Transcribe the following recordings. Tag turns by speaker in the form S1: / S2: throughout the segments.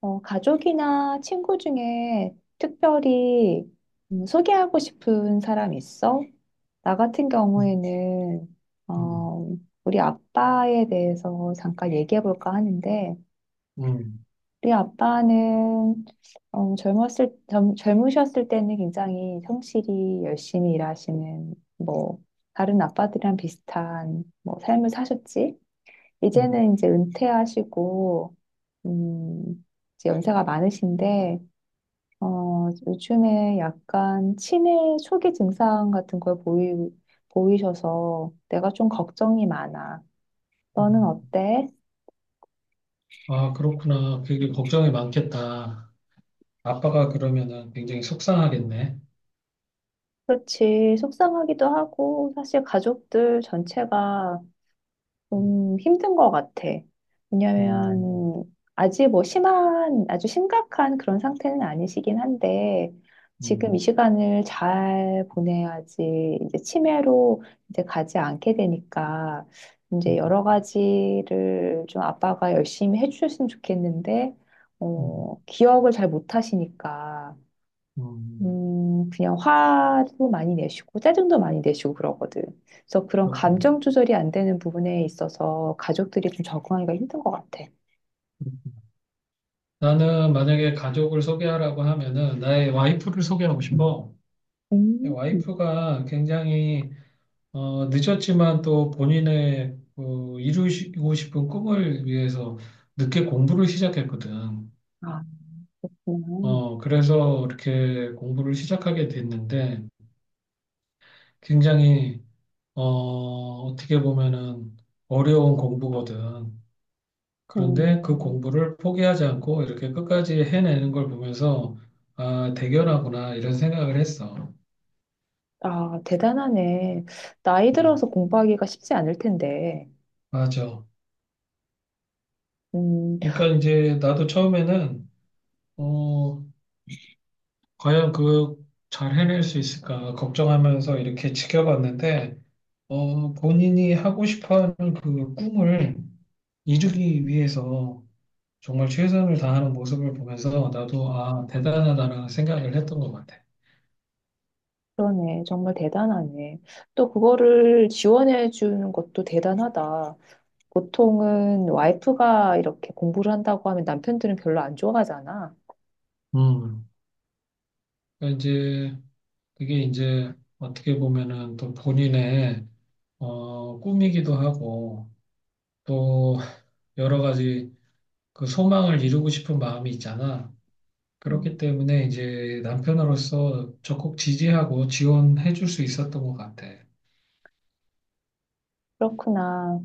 S1: 가족이나 친구 중에 특별히 소개하고 싶은 사람 있어? 나 같은
S2: 음,
S1: 경우에는
S2: 음,
S1: 어, 우리 아빠에 대해서 잠깐 얘기해 볼까 하는데
S2: 음,
S1: 우리 아빠는 젊으셨을 때는 굉장히 성실히 열심히 일하시는 뭐 다른 아빠들이랑 비슷한 뭐 삶을 사셨지.
S2: 음,
S1: 이제는 이제 은퇴하시고 음, 이제 연세가 많으신데 요즘에 약간 치매 초기 증상 같은 걸 보이셔서 내가 좀 걱정이 많아. 너는
S2: 음.
S1: 어때?
S2: 아, 그렇구나. 그게 걱정이 많겠다. 아빠가 그러면은 굉장히 속상하겠네.
S1: 그렇지. 속상하기도 하고, 사실 가족들 전체가
S2: 음,
S1: 좀 힘든 것 같아.
S2: 음,
S1: 왜냐면, 아직 뭐 아주 심각한 그런 상태는 아니시긴 한데, 지금 이
S2: 음,
S1: 시간을 잘 보내야지, 이제 치매로 이제 가지 않게 되니까,
S2: 음,
S1: 이제 여러 가지를 좀 아빠가 열심히 해주셨으면 좋겠는데,
S2: 음,
S1: 기억을 잘 못하시니까,
S2: 음.
S1: 그냥 화도 많이 내시고 짜증도 많이 내시고 그러거든. 그래서 그런
S2: 그렇구나.
S1: 감정 조절이 안 되는 부분에 있어서 가족들이 좀 적응하기가 힘든 것 같아.
S2: 나는 만약에 가족을 소개하라고 하면은 나의 와이프를 소개하고 싶어.
S1: 음,
S2: 와이프가 굉장히 늦었지만 또 본인의 그 이루시고 싶은 꿈을 위해서 늦게 공부를 시작했거든.
S1: 아, 그렇구나.
S2: 그래서 이렇게 공부를 시작하게 됐는데 굉장히 어, 어떻게 보면은 어려운 공부거든.
S1: 음,
S2: 그런데 그
S1: 음.
S2: 공부를 포기하지 않고 이렇게 끝까지 해내는 걸 보면서 아, 대견하구나 이런 생각을 했어.
S1: 아, 대단하네. 나이
S2: 음,
S1: 들어서 공부하기가 쉽지 않을 텐데.
S2: 맞아.
S1: 음,
S2: 그러니까 이제 나도 처음에는 어, 과연 그 잘 해낼 수 있을까 걱정하면서 이렇게 지켜봤는데 본인이 하고 싶어 하는 그 꿈을 이루기 위해서 정말 최선을 다하는 모습을 보면서 나도 아, 대단하다라는 생각을 했던 것 같아.
S1: 그러네. 정말 대단하네. 또 그거를 지원해 주는 것도 대단하다. 보통은 와이프가 이렇게 공부를 한다고 하면 남편들은 별로 안 좋아하잖아.
S2: 음. 그러니까 이제 그게 이제 어떻게 보면은 또 본인의 꿈이기도 하고 또 여러 가지 그 소망을 이루고 싶은 마음이 있잖아. 그렇기
S1: 음.
S2: 때문에 이제 남편으로서 적극 지지하고 지원해 줄 수 있었던 것 같아.
S1: 그렇구나.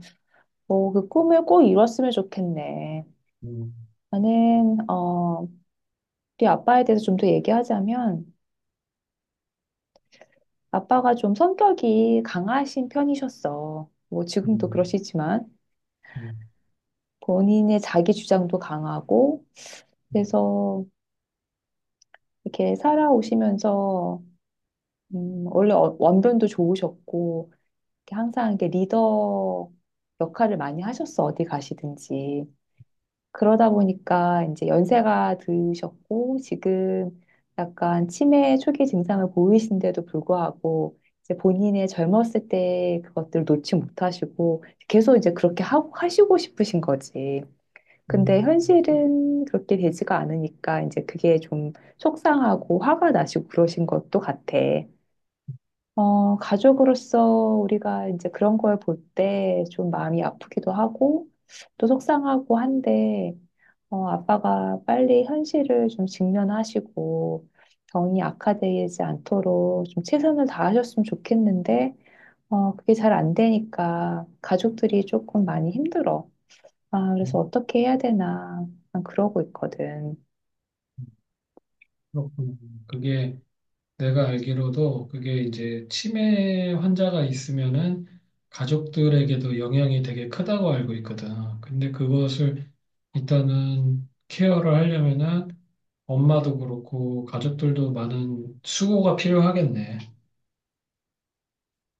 S1: 오, 그 꿈을 꼭 이뤘으면 좋겠네.
S2: 음,
S1: 나는, 우리 아빠에 대해서 좀 더 얘기하자면, 아빠가 좀 성격이 강하신 편이셨어. 뭐, 지금도
S2: 음,
S1: 그러시지만,
S2: 음,
S1: 본인의 자기 주장도 강하고, 그래서 이렇게 살아오시면서, 원래 원변도 좋으셨고, 이렇게 항상 이렇게 리더 역할을 많이 하셨어, 어디 가시든지. 그러다 보니까 이제 연세가 드셨고 지금 약간 치매 초기 증상을 보이신데도 불구하고 이제 본인의 젊었을 때 그것들을 놓지 못하시고 계속 이제 그렇게 하고 하시고 싶으신 거지. 근데
S2: 음,
S1: 현실은 그렇게 되지가 않으니까 이제 그게 좀 속상하고 화가 나시고 그러신 것도 같아. 가족으로서 우리가 이제 그런 걸 볼 때 좀 마음이 아프기도 하고 또 속상하고 한데 아빠가 빨리 현실을 좀 직면하시고 병이 악화되지 않도록 좀 최선을 다하셨으면 좋겠는데 그게 잘 안 되니까 가족들이 조금 많이 힘들어. 아, 그래서
S2: 음,
S1: 어떻게 해야 되나 난 그러고 있거든.
S2: 그렇구나. 그게 내가 알기로도 그게 이제 치매 환자가 있으면은 가족들에게도 영향이 되게 크다고 알고 있거든. 근데 그것을 일단은 케어를 하려면은 엄마도 그렇고 가족들도 많은 수고가 필요하겠네.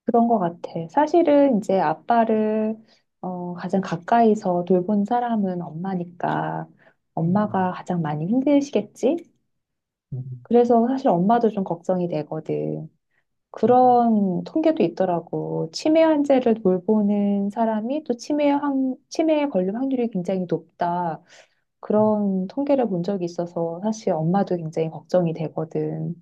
S1: 그런 것 같아. 사실은 이제 아빠를 가장 가까이서 돌본 사람은 엄마니까
S2: 음,
S1: 엄마가 가장 많이 힘드시겠지?
S2: 음,
S1: 그래서 사실 엄마도 좀 걱정이 되거든. 그런 통계도 있더라고. 치매 환자를 돌보는 사람이 또 치매에 걸릴 확률이 굉장히 높다. 그런 통계를 본 적이 있어서 사실 엄마도 굉장히 걱정이 되거든.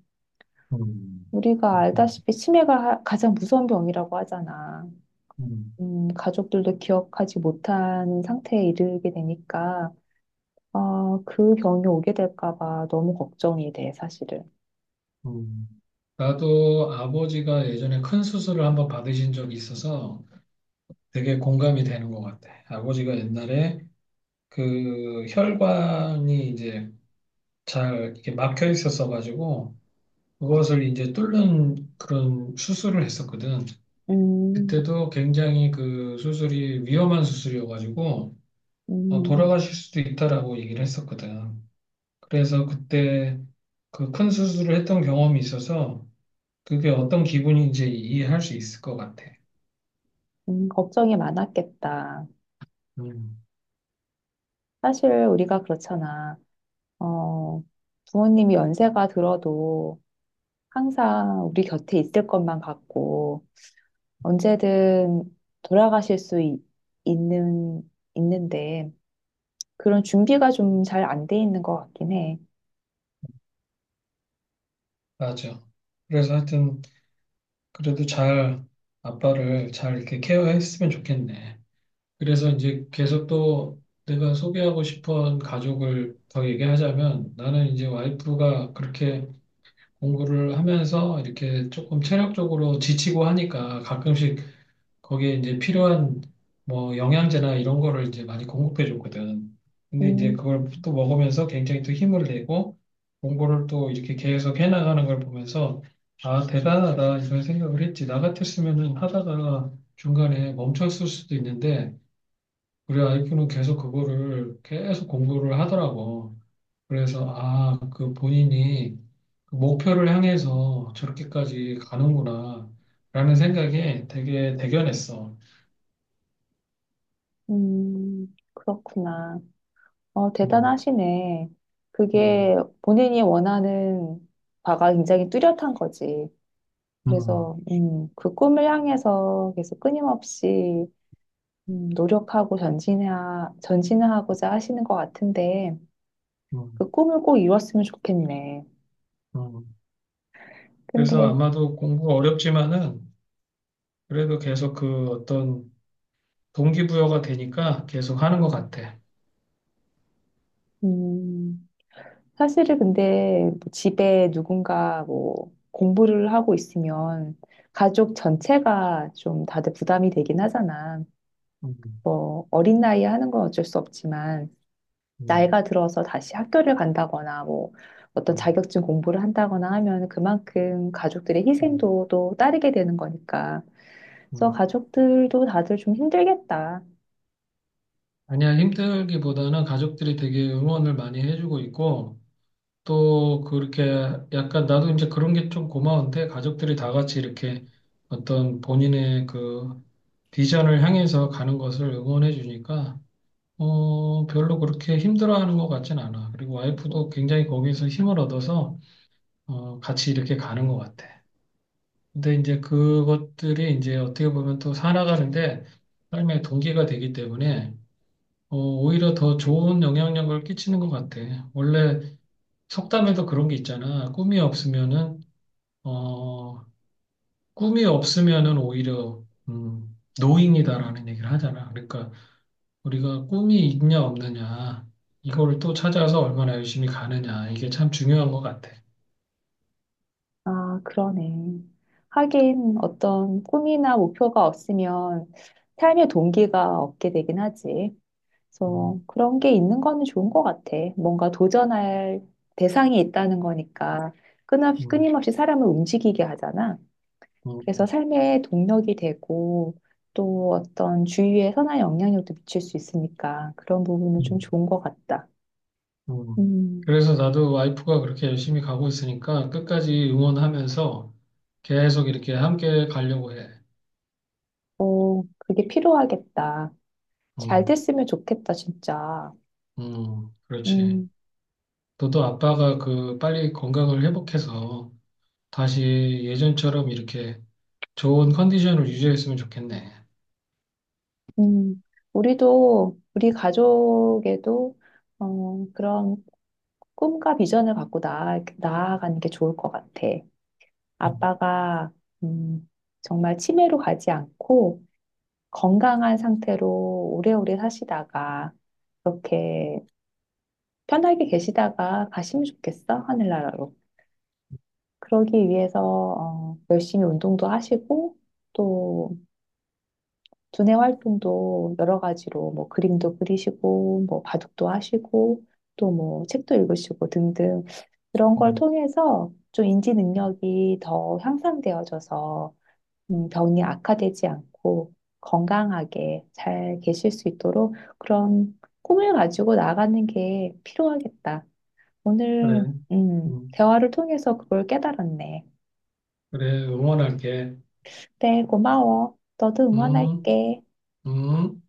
S2: 음,
S1: 우리가
S2: 그렇군.
S1: 알다시피 치매가 가장 무서운 병이라고 하잖아.
S2: 음,
S1: 가족들도 기억하지 못하는 상태에 이르게 되니까, 아, 그 병이 오게 될까 봐 너무 걱정이 돼, 사실은.
S2: 음. 나도 아버지가 예전에 큰 수술을 한번 받으신 적이 있어서 되게 공감이 되는 것 같아. 아버지가 옛날에 그 혈관이 이제 잘 이렇게 막혀 있었어 가지고 그것을 이제 뚫는 그런 수술을 했었거든.
S1: 음,
S2: 그때도 굉장히 그 수술이 위험한 수술이어 가지고
S1: 음,
S2: 돌아가실 수도 있다라고 얘기를 했었거든. 그래서 그때 그 큰 수술을 했던 경험이 있어서 그게 어떤 기분인지 이해할 수 있을 것 같아.
S1: 걱정이 많았겠다.
S2: 음,
S1: 사실 우리가 그렇잖아. 어, 부모님이 연세가 들어도 항상 우리 곁에 있을 것만 같고, 언제든 돌아가실 수 있는, 있는데, 그런 준비가 좀 잘 안 돼 있는 것 같긴 해.
S2: 맞아. 그래서 하여튼 그래도 잘 아빠를 잘 이렇게 케어했으면 좋겠네. 그래서 이제 계속 또 내가 소개하고 싶은 가족을 더 얘기하자면 나는 이제 와이프가 그렇게 공부를 하면서 이렇게 조금 체력적으로 지치고 하니까 가끔씩 거기에 이제 필요한 뭐 영양제나 이런 거를 이제 많이 공급해 줬거든. 근데 이제
S1: 음,
S2: 그걸 또 먹으면서 굉장히 또 힘을 내고 공부를 또 이렇게 계속 해나가는 걸 보면서 아, 대단하다 이런 생각을 했지. 나 같았으면은 하다가 중간에 멈췄을 수도 있는데 우리 와이프는 계속 그거를 계속 공부를 하더라고. 그래서, 아, 그 본인이 그 목표를 향해서 저렇게까지 가는구나, 라는 생각에 되게 대견했어.
S1: 그렇구나. 어,
S2: 음,
S1: 대단하시네.
S2: 음,
S1: 그게 본인이 원하는 바가 굉장히 뚜렷한 거지.
S2: 음,
S1: 그래서, 그 꿈을 향해서 계속 끊임없이, 음, 노력하고 전진해, 전진하고자 하시는 것 같은데,
S2: 음,
S1: 그 꿈을 꼭 이뤘으면 좋겠네.
S2: 음. 그래서
S1: 근데,
S2: 아마도 공부가 어렵지만은 그래도 계속 그 어떤 동기부여가 되니까 계속 하는 것 같아.
S1: 음, 사실은 근데 뭐 집에 누군가 뭐 공부를 하고 있으면 가족 전체가 좀 다들 부담이 되긴 하잖아.
S2: 음,
S1: 뭐 어린 나이에 하는 건 어쩔 수 없지만
S2: 음,
S1: 나이가 들어서 다시 학교를 간다거나 뭐 어떤
S2: 음,
S1: 자격증 공부를 한다거나 하면 그만큼 가족들의
S2: 음,
S1: 희생도 또 따르게 되는 거니까. 그래서
S2: 음.
S1: 가족들도 다들 좀 힘들겠다.
S2: 아니야, 힘들기보다는 가족들이 되게 응원을 많이 해주고 있고, 또 그렇게 약간 나도 이제 그런 게 좀 고마운데 가족들이 다 같이 이렇게 어떤 본인의 그 비전을 향해서 가는 것을 응원해 주니까 별로 그렇게 힘들어하는 것 같진 않아. 그리고 와이프도 굉장히 거기에서 힘을 얻어서 같이 이렇게 가는 것 같아. 근데 이제 그것들이 이제 어떻게 보면 또 살아가는데 삶의 동기가 되기 때문에 오히려 더 좋은 영향력을 끼치는 것 같아. 원래 속담에도 그런 게 있잖아. 꿈이 없으면은 어, 오히려 노인이다라는 얘기를 하잖아. 그러니까 우리가 꿈이 있냐 없느냐 이거를 또 찾아서 얼마나 열심히 가느냐 이게 참 중요한 것 같아.
S1: 아, 그러네. 하긴 어떤 꿈이나 목표가 없으면 삶의 동기가 없게 되긴 하지.
S2: 음,
S1: 그래서 그런 게 있는 거는 좋은 것 같아. 뭔가 도전할 대상이 있다는 거니까 끊임없이,
S2: 음,
S1: 끊임없이 사람을 움직이게 하잖아. 그래서
S2: 음,
S1: 삶의 동력이 되고 또 어떤 주위에 선한 영향력도 미칠 수 있으니까 그런 부분은 좀
S2: 음,
S1: 좋은 것 같다.
S2: 음.
S1: 음,
S2: 그래서 나도 와이프가 그렇게 열심히 가고 있으니까 끝까지 응원하면서 계속 이렇게 함께 가려고 해.
S1: 어, 그게 필요하겠다. 잘
S2: 음,
S1: 됐으면 좋겠다, 진짜.
S2: 그렇지.
S1: 음,
S2: 너도 아빠가 그 빨리 건강을 회복해서 다시 예전처럼 이렇게 좋은 컨디션을 유지했으면 좋겠네.
S1: 음. 우리 가족에도 그런 꿈과 비전을 갖고 나아가는 게 좋을 것 같아.
S2: 음,
S1: 아빠가, 음, 정말 치매로 가지 않고 건강한 상태로 오래오래 사시다가 그렇게 편하게 계시다가 가시면 좋겠어, 하늘나라로. 그러기 위해서, 열심히 운동도 하시고 또 두뇌 활동도 여러 가지로 뭐 그림도 그리시고 뭐 바둑도 하시고 또 뭐 책도 읽으시고 등등 그런 걸
S2: 음.
S1: 통해서 좀 인지 능력이 더 향상되어져서 병이 악화되지 않고 건강하게 잘 계실 수 있도록 그런 꿈을 가지고 나가는 게 필요하겠다. 오늘
S2: 그래. 음,
S1: 대화를 통해서 그걸 깨달았네.
S2: 그래. 응원할게.
S1: 그래, 고마워. 너도
S2: 음,
S1: 응원할게.
S2: 음.